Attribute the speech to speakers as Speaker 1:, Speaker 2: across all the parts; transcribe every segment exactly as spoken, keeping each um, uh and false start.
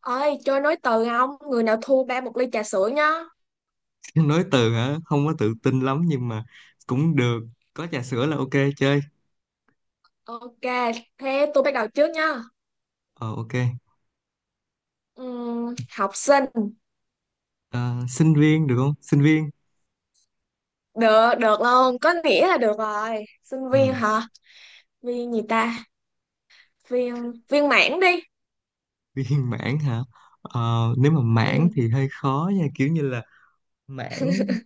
Speaker 1: Ơi, chơi nối từ không? Người nào thua ba một ly trà sữa nhá.
Speaker 2: Nói từ hả? Không có tự tin lắm nhưng mà cũng được. Có trà sữa là ok. Chơi.
Speaker 1: Ok, thế tôi bắt đầu trước nhá.
Speaker 2: Ờ, ok.
Speaker 1: Ừm, học sinh.
Speaker 2: Ờ, sinh viên được không? Sinh viên.
Speaker 1: Được được luôn, có nghĩa là được rồi. Sinh
Speaker 2: Ừ.
Speaker 1: viên hả? Viên gì ta? Viên, viên mãn đi.
Speaker 2: Viên mãn hả? Ờ, nếu mà mãn
Speaker 1: Ừm,
Speaker 2: thì hơi khó nha, kiểu như là mãn.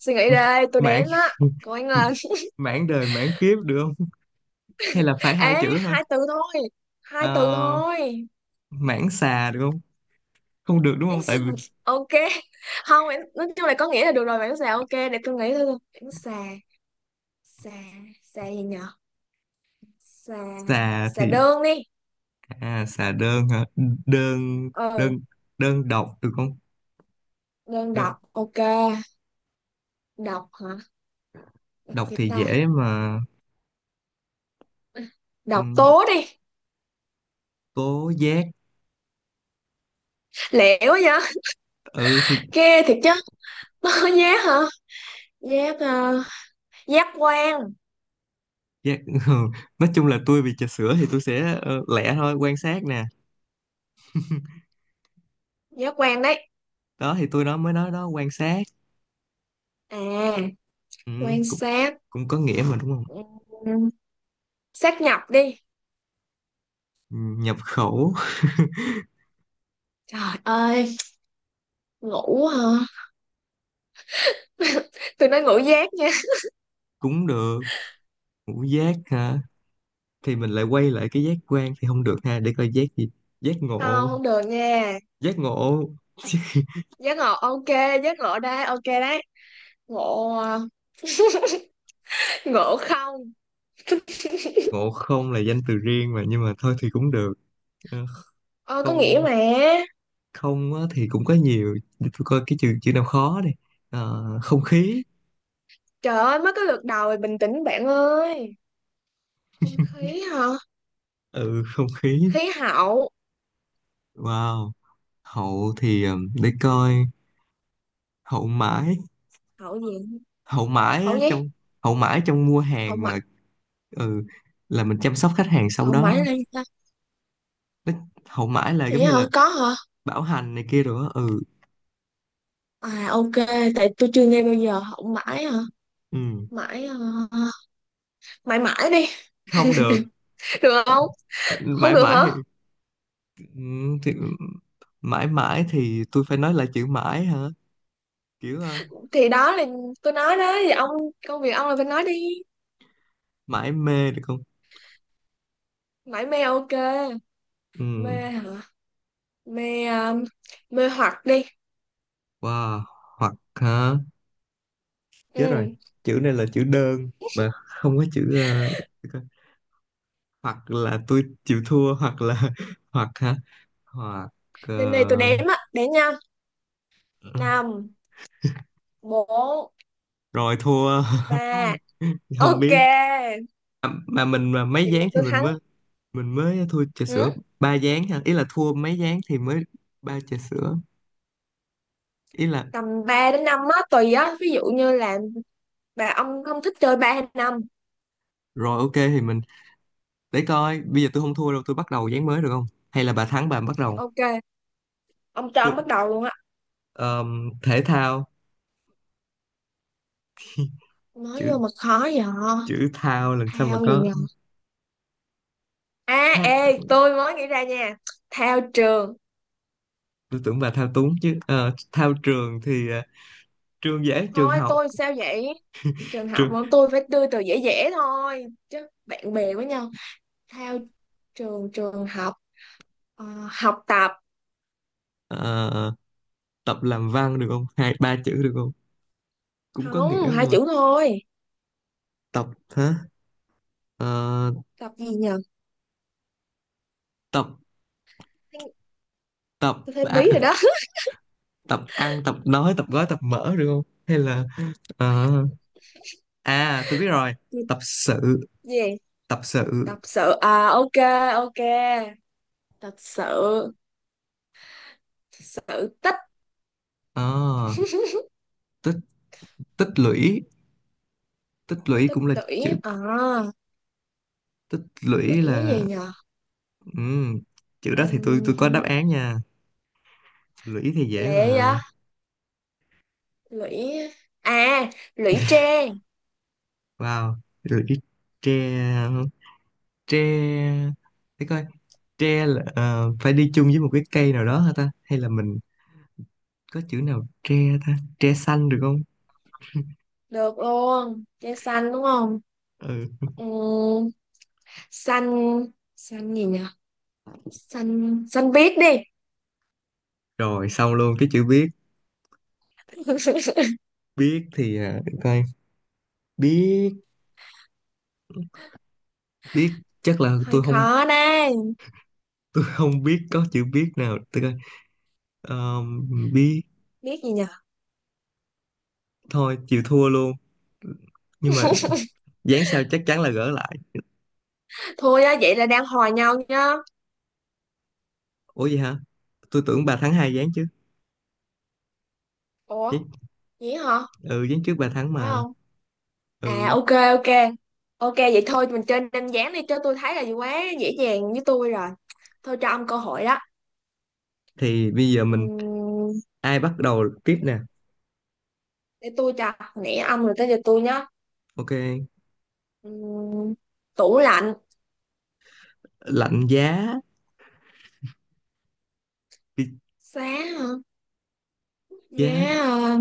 Speaker 1: Suy nghĩ đây, tôi
Speaker 2: Mãn
Speaker 1: đếm á. Cô anh là.
Speaker 2: mãn đời mãn kiếp được không? Hay là phải hai
Speaker 1: Ế,
Speaker 2: chữ thôi?
Speaker 1: hai từ thôi,
Speaker 2: Ờ,
Speaker 1: hai từ thôi.
Speaker 2: mãn xà được không? Không được đúng
Speaker 1: Đáng
Speaker 2: không,
Speaker 1: sợ.
Speaker 2: tại vì
Speaker 1: Ok. Không. Em- nói chung là có nghĩa là được rồi. Bạn xà. Ok, để tôi nghĩ thôi. Bạn xà. Xà. Xà gì nhở? Xà.
Speaker 2: xà
Speaker 1: Xà
Speaker 2: thì,
Speaker 1: đơn đi.
Speaker 2: à, xà đơn hả? Đơn.
Speaker 1: Ừ.
Speaker 2: Đơn. Đơn độc được không?
Speaker 1: Đơn
Speaker 2: Đơn,
Speaker 1: độc ok. Độc hả?
Speaker 2: độc
Speaker 1: Cái
Speaker 2: thì
Speaker 1: ta?
Speaker 2: dễ mà. Ừ,
Speaker 1: Độc tố đi.
Speaker 2: cố giác.
Speaker 1: Lẻo quá vậy.
Speaker 2: Ừ thì
Speaker 1: Ghê thiệt chứ. Nó có giác hả? Giác, ờ, giác quan.
Speaker 2: giác ừ. Nói chung là tôi vì trà sữa thì tôi sẽ, ờ, lẻ thôi, quan sát nè.
Speaker 1: Giác quan đấy.
Speaker 2: Đó thì tôi đó mới nói đó, quan sát.
Speaker 1: À,
Speaker 2: Ừ,
Speaker 1: quan
Speaker 2: cũng
Speaker 1: sát.
Speaker 2: cũng có nghĩa mà đúng không?
Speaker 1: Ừm, Sát nhập đi.
Speaker 2: Ừ, nhập khẩu.
Speaker 1: Trời ơi, ngủ hả? Tôi nói ngủ giác nha.
Speaker 2: Cũng được. Ngũ giác hả? Thì mình lại quay lại cái giác quan thì không được ha, để coi giác gì. Giác
Speaker 1: Không,
Speaker 2: ngộ.
Speaker 1: không được nha.
Speaker 2: Giác ngộ.
Speaker 1: Giác ngộ ok. Giác ngộ đây, ok đấy. Ngộ, ờ, ngộ không.
Speaker 2: Ngộ Không là danh từ riêng mà, nhưng mà thôi thì cũng được. Ờ,
Speaker 1: Ờ, có nghĩa
Speaker 2: không.
Speaker 1: mà.
Speaker 2: Không á, thì cũng có nhiều. Để tôi coi cái chữ chữ nào khó đi. Ờ, không khí.
Speaker 1: Trời ơi, mới có lượt đầu rồi, bình tĩnh bạn ơi. Không khí hả?
Speaker 2: Ừ, không khí.
Speaker 1: Khí hậu.
Speaker 2: Wow, hậu thì um, để coi. Hậu mãi.
Speaker 1: Hậu gì?
Speaker 2: Hậu mãi
Speaker 1: Hậu
Speaker 2: á,
Speaker 1: gì?
Speaker 2: trong. Hậu mãi trong mua
Speaker 1: Hậu
Speaker 2: hàng
Speaker 1: mãi.
Speaker 2: mà. Ừ, là mình chăm sóc khách hàng sau
Speaker 1: Hậu mãi
Speaker 2: đó.
Speaker 1: là gì ta?
Speaker 2: Nó- Hậu mãi là giống
Speaker 1: Vậy
Speaker 2: như
Speaker 1: hả?
Speaker 2: là
Speaker 1: Có hả?
Speaker 2: bảo hành này kia rồi á, ừ.
Speaker 1: À ok, tại tôi chưa nghe bao giờ. Hậu mãi hả?
Speaker 2: Ừ,
Speaker 1: Mãi, ờ, mãi mãi đi.
Speaker 2: không được.
Speaker 1: Được không? Không
Speaker 2: Mãi
Speaker 1: được
Speaker 2: mãi
Speaker 1: hả?
Speaker 2: thì, ừ, thì mãi mãi thì tôi phải nói là chữ mãi hả? Kiểu ờ,
Speaker 1: Thì đó là tôi nói đó. Thì ông, công việc ông là phải nói đi.
Speaker 2: mãi mê được không?
Speaker 1: Mãi mê ok.
Speaker 2: Ừ.
Speaker 1: Mê hả? Mê, ờ, mê hoặc đi.
Speaker 2: Wow. Hoặc hả? Chết rồi,
Speaker 1: Ừ.
Speaker 2: chữ này là chữ đơn mà không có chữ. Hoặc là tôi chịu thua, hoặc là hoặc hả? Hoặc. Ờ,
Speaker 1: Lên đây tôi đếm á. Đếm nha. Năm, bốn,
Speaker 2: rồi thua.
Speaker 1: ba.
Speaker 2: Không
Speaker 1: Ok,
Speaker 2: biết. À, mà mình mà mấy
Speaker 1: vậy là
Speaker 2: ván thì
Speaker 1: tôi
Speaker 2: mình
Speaker 1: thắng.
Speaker 2: mới, mình mới thua trà sữa
Speaker 1: Ừ?
Speaker 2: ba ván hả? Ý là thua mấy ván thì mới ba trà sữa, ý là.
Speaker 1: Tầm ba đến năm á, tùy á. Ví dụ như là bà ông không thích chơi ba hay năm.
Speaker 2: Rồi ok, thì mình để coi bây giờ tôi không thua đâu, tôi bắt đầu ván mới được không? Hay là bà thắng bà bắt đầu.
Speaker 1: Ok, ông cho
Speaker 2: Tôi,
Speaker 1: ông bắt đầu luôn á.
Speaker 2: ờm, thể thao.
Speaker 1: Nói
Speaker 2: chữ
Speaker 1: vô mà khó vậy.
Speaker 2: chữ thao làm sao mà
Speaker 1: Thao gì
Speaker 2: có
Speaker 1: nhờ. À,
Speaker 2: thao.
Speaker 1: ê, tôi mới nghĩ ra nha. Thao trường.
Speaker 2: Tôi tưởng bà thao túng chứ. Ờ, thao trường thì, ờ, trường dễ, trường
Speaker 1: Thôi,
Speaker 2: học.
Speaker 1: tôi sao vậy? Trường học
Speaker 2: Trường.
Speaker 1: mà tôi phải đưa từ dễ dễ thôi. Chứ bạn bè với nhau. Thao trường, trường học. Ờ, học tập.
Speaker 2: Ờ, tập làm văn được không? Hai ba chữ được không? Cũng có
Speaker 1: Không,
Speaker 2: nghĩa
Speaker 1: hai
Speaker 2: mà.
Speaker 1: chữ thôi.
Speaker 2: Tập hả? Ờ,
Speaker 1: Tập gì nhờ?
Speaker 2: tập. Tập.
Speaker 1: Tôi thấy
Speaker 2: À,
Speaker 1: bí rồi đó.
Speaker 2: tập ăn tập nói tập gói tập mở được không, hay là, ờ, à tôi biết rồi. Tập sự.
Speaker 1: Gì?
Speaker 2: Tập sự.
Speaker 1: Tập sự à? Ok. Ok, tập sự. Sự tích.
Speaker 2: Ờ, tích. Tích lũy. Tích lũy
Speaker 1: Tích
Speaker 2: cũng là chữ.
Speaker 1: lũy à?
Speaker 2: Tích
Speaker 1: Lũy
Speaker 2: lũy là,
Speaker 1: gì nhờ?
Speaker 2: ừm, chữ đó thì tôi tôi có đáp
Speaker 1: um,
Speaker 2: án nha. Lũy thì dễ
Speaker 1: Lệ
Speaker 2: mà.
Speaker 1: á. Lũy à, lũy tre.
Speaker 2: Wow. Lũy tre. Tre. Để coi. Tre là, ờ, phải đi chung với một cái cây nào đó hả ta, hay là mình có chữ nào tre. Ta, tre xanh được không?
Speaker 1: Được luôn, tre xanh đúng không?
Speaker 2: Ừ.
Speaker 1: um, Xanh. Xanh gì nhờ? Xanh, xanh biết đi.
Speaker 2: Rồi xong luôn cái chữ biết. Biết thì, à, để coi. Biết. Biết. Chắc là
Speaker 1: Hơi
Speaker 2: tôi không,
Speaker 1: khó đây.
Speaker 2: tôi không biết có chữ biết nào, tôi coi. Ờ, biết.
Speaker 1: Biết gì nhờ?
Speaker 2: Thôi chịu thua luôn. Nhưng mà dán sao chắc chắn là gỡ lại.
Speaker 1: Thôi á, vậy là đang hòa nhau nhá.
Speaker 2: Ủa vậy hả? Tôi tưởng bà thắng hai dán chứ. Dán,
Speaker 1: Ủa, gì hả?
Speaker 2: ừ, dán trước bà thắng
Speaker 1: Phải
Speaker 2: mà.
Speaker 1: không? À
Speaker 2: Ừ.
Speaker 1: ok, ok. Ok, vậy thôi mình chơi đơn giản đi cho tôi thấy là quá dễ dàng với tôi rồi. Thôi cho ông cơ hội đó.
Speaker 2: Thì bây giờ mình
Speaker 1: Ừm,
Speaker 2: ai bắt đầu tiếp nè?
Speaker 1: Để tôi cho. Nãy ông rồi tới giờ tôi nhá.
Speaker 2: Ok.
Speaker 1: Ừm, Tủ lạnh.
Speaker 2: Lạnh giá.
Speaker 1: Giá hả?
Speaker 2: Giá.
Speaker 1: Giá, ờ,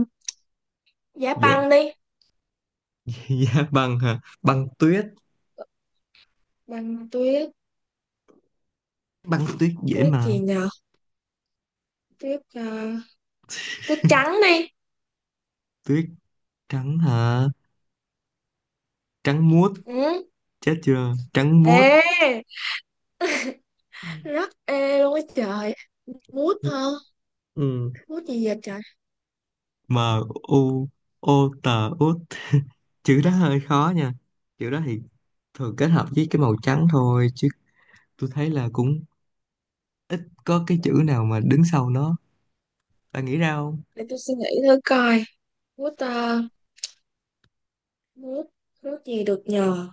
Speaker 1: giá
Speaker 2: Giá.
Speaker 1: băng đi.
Speaker 2: Giá băng hả? Băng tuyết.
Speaker 1: Băng tuyết.
Speaker 2: Băng tuyết dễ
Speaker 1: Tuyết
Speaker 2: mà.
Speaker 1: gì nhờ? Tuyết, ờ, tuyết trắng đi.
Speaker 2: Tuyết trắng hả? Trắng muốt.
Speaker 1: Ừ.
Speaker 2: Chết chưa, trắng muốt.
Speaker 1: Ê. Rất ê luôn á trời. Mút hả?
Speaker 2: Ừ.
Speaker 1: Mút gì vậy trời.
Speaker 2: M, u, o, t, út. Chữ đó hơi khó nha. Chữ đó thì thường kết hợp với cái màu trắng thôi chứ, tôi thấy là cũng ít có cái chữ nào mà đứng sau nó. Bạn nghĩ ra không?
Speaker 1: Để tôi suy nghĩ thử coi. Mút, ờ, nước. Nước gì được nhờ?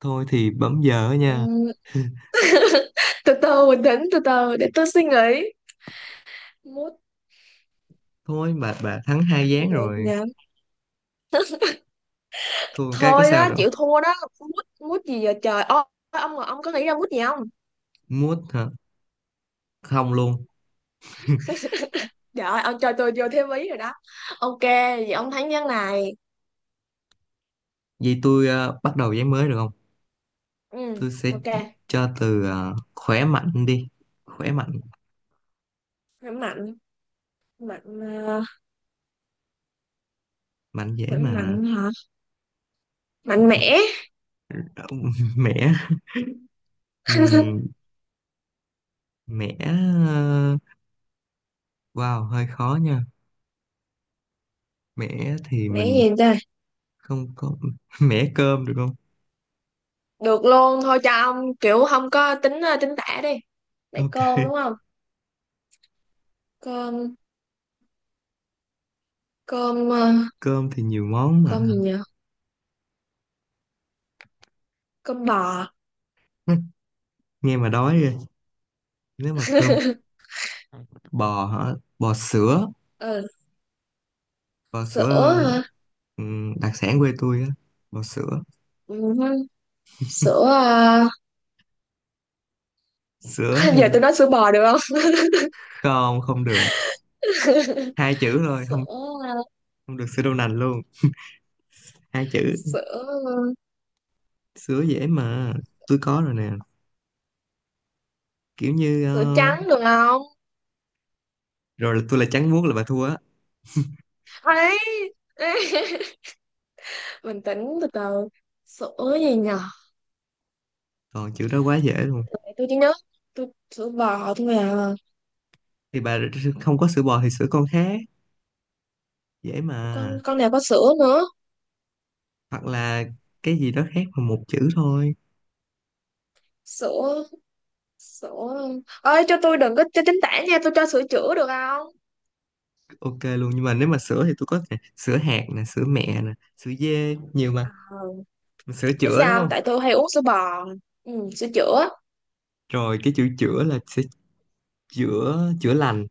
Speaker 2: Thôi thì bấm giờ á nha.
Speaker 1: Ừm, Từ từ, bình tĩnh, từ từ để tôi suy nghĩ. Mút,
Speaker 2: Thôi bà bà thắng hai
Speaker 1: mút gì
Speaker 2: ván
Speaker 1: được
Speaker 2: rồi,
Speaker 1: nhờ?
Speaker 2: thua một cái có
Speaker 1: Thôi
Speaker 2: sao
Speaker 1: đó,
Speaker 2: đâu.
Speaker 1: chịu thua đó. Mút, mút gì giờ trời. Ô, ông ông có nghĩ ra mút gì không?
Speaker 2: Mút hả? Không luôn.
Speaker 1: Trời ơi, ông cho tôi vô thêm ý rồi đó. Ok, vậy ông thắng ván này.
Speaker 2: Vậy tôi, ờ, bắt đầu ván mới được không?
Speaker 1: Ừ.
Speaker 2: Tôi sẽ
Speaker 1: Ok,
Speaker 2: cho từ, ờ, khỏe mạnh đi. Khỏe mạnh.
Speaker 1: khỏe mạnh. Mạnh, ờ,
Speaker 2: Mạnh dễ
Speaker 1: khỏe
Speaker 2: mà.
Speaker 1: mạnh hả? Mạnh mẽ.
Speaker 2: Mẻ. Ừm, mẻ, ờ, wow, hơi khó nha. Mẻ thì
Speaker 1: Mẽ
Speaker 2: mình
Speaker 1: gì đây?
Speaker 2: không có mẻ cơm được không?
Speaker 1: Được luôn, thôi cho ông kiểu không có tính, ờ, tính tả đi. Mẹ cơm
Speaker 2: Ok.
Speaker 1: đúng không? Cơm. Cơm, ờ,
Speaker 2: Cơm thì nhiều món mà.
Speaker 1: cơm gì nhỉ? Cơm bò.
Speaker 2: Nghe mà đói rồi. Nếu mà cơm bò hả? Bò sữa.
Speaker 1: Ờ,
Speaker 2: Bò sữa
Speaker 1: sữa
Speaker 2: là,
Speaker 1: hả?
Speaker 2: ừm, đặc sản quê tôi á. Bò sữa.
Speaker 1: Ừ, sữa. À,
Speaker 2: Sữa
Speaker 1: giờ
Speaker 2: thì,
Speaker 1: tôi nói sữa bò được không?
Speaker 2: không, không được. Hai chữ thôi,
Speaker 1: Sữa
Speaker 2: không.
Speaker 1: à?
Speaker 2: Không được sữa đậu nành luôn. Hai chữ.
Speaker 1: Sữa,
Speaker 2: Sứa dễ mà. Tôi có rồi nè, kiểu như
Speaker 1: sữa
Speaker 2: ờ,
Speaker 1: trắng được không?
Speaker 2: rồi là tôi là trắng muốt là bà thua á.
Speaker 1: Ấy. Bình tĩnh, từ từ. Sữa gì nhờ?
Speaker 2: Còn chữ đó quá dễ luôn.
Speaker 1: Để tôi chỉ nhớ. Tôi sữa bò thôi à?
Speaker 2: Thì bà không có sữa bò thì sữa con khác, dễ mà.
Speaker 1: Con con nào có sữa nữa?
Speaker 2: Hoặc là cái gì đó khác mà một chữ thôi.
Speaker 1: Sữa, sữa ơi, cho tôi đừng có cho tránh tả nha. Tôi cho sữa chữa được không?
Speaker 2: Ok luôn, nhưng mà nếu mà sữa thì tôi có nè, sữa hạt nè, sữa mẹ nè, sữa dê, nhiều mà.
Speaker 1: Ờ,
Speaker 2: Sữa
Speaker 1: biết
Speaker 2: chữa đúng
Speaker 1: sao không?
Speaker 2: không?
Speaker 1: Tại tôi hay uống sữa bò. Ừ, sữa chữa.
Speaker 2: Rồi cái chữ chữa là sẽ chữa. Chữa lành.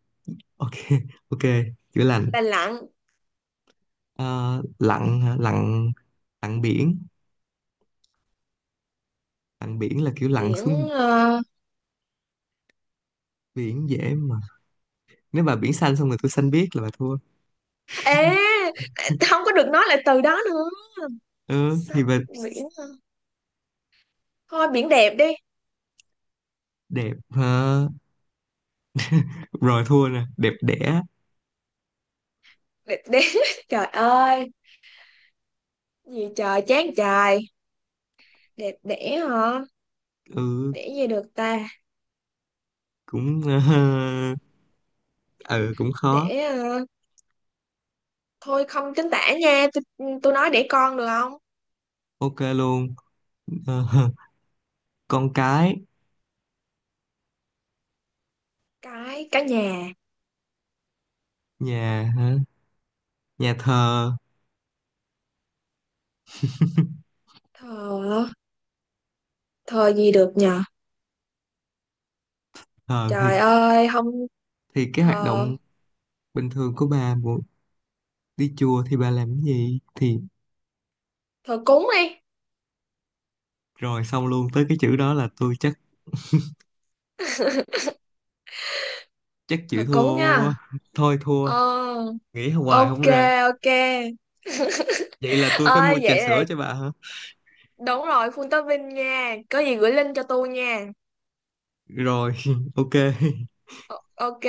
Speaker 2: Ok, ok. Chữa lành.
Speaker 1: Lành lặn.
Speaker 2: Ờ, lặn hả? Lặn. Lặn biển. Lặn biển là kiểu lặn xuống.
Speaker 1: Biển, ờ,
Speaker 2: Biển dễ mà. Nếu bà biển xanh xong rồi tôi xanh biếc là bà thua.
Speaker 1: à, không có được nói lại từ đó nữa.
Speaker 2: Ừ thì
Speaker 1: Sắp.
Speaker 2: bà
Speaker 1: Biển hả? Thôi, biển đẹp đi.
Speaker 2: đẹp hả? Rồi thua nè, đẹp đẽ.
Speaker 1: Đẹp đẽ. Trời ơi, gì trời chán trời. Đẹp đẽ hả?
Speaker 2: Ừ.
Speaker 1: Để gì được ta?
Speaker 2: Cũng, ờ, ừ, cũng khó.
Speaker 1: Để, ờ, thôi không chính tả nha tôi. Tôi nói để con được không?
Speaker 2: Ok luôn. Ờ, con cái.
Speaker 1: Cái cái nhà
Speaker 2: Nhà hả? Nhà thờ.
Speaker 1: thờ. Thờ gì được nhờ?
Speaker 2: Thờ thì,
Speaker 1: Trời ơi, không.
Speaker 2: thì cái hoạt
Speaker 1: thờ
Speaker 2: động bình thường của bà muốn đi chùa thì bà làm cái gì thì
Speaker 1: thờ cúng đi.
Speaker 2: rồi xong luôn tới cái chữ đó là tôi chắc chắc chịu
Speaker 1: Thờ cúng
Speaker 2: thua quá.
Speaker 1: nha.
Speaker 2: Thôi thua.
Speaker 1: Ờ,
Speaker 2: Nghĩ hoài không
Speaker 1: ok.
Speaker 2: ra.
Speaker 1: Ok.
Speaker 2: Vậy là tôi phải
Speaker 1: Ơi
Speaker 2: mua trà
Speaker 1: vậy là.
Speaker 2: sữa cho bà hả?
Speaker 1: Đúng rồi, full topping nha. Có gì gửi link cho tôi nha.
Speaker 2: Rồi ok.
Speaker 1: Ok.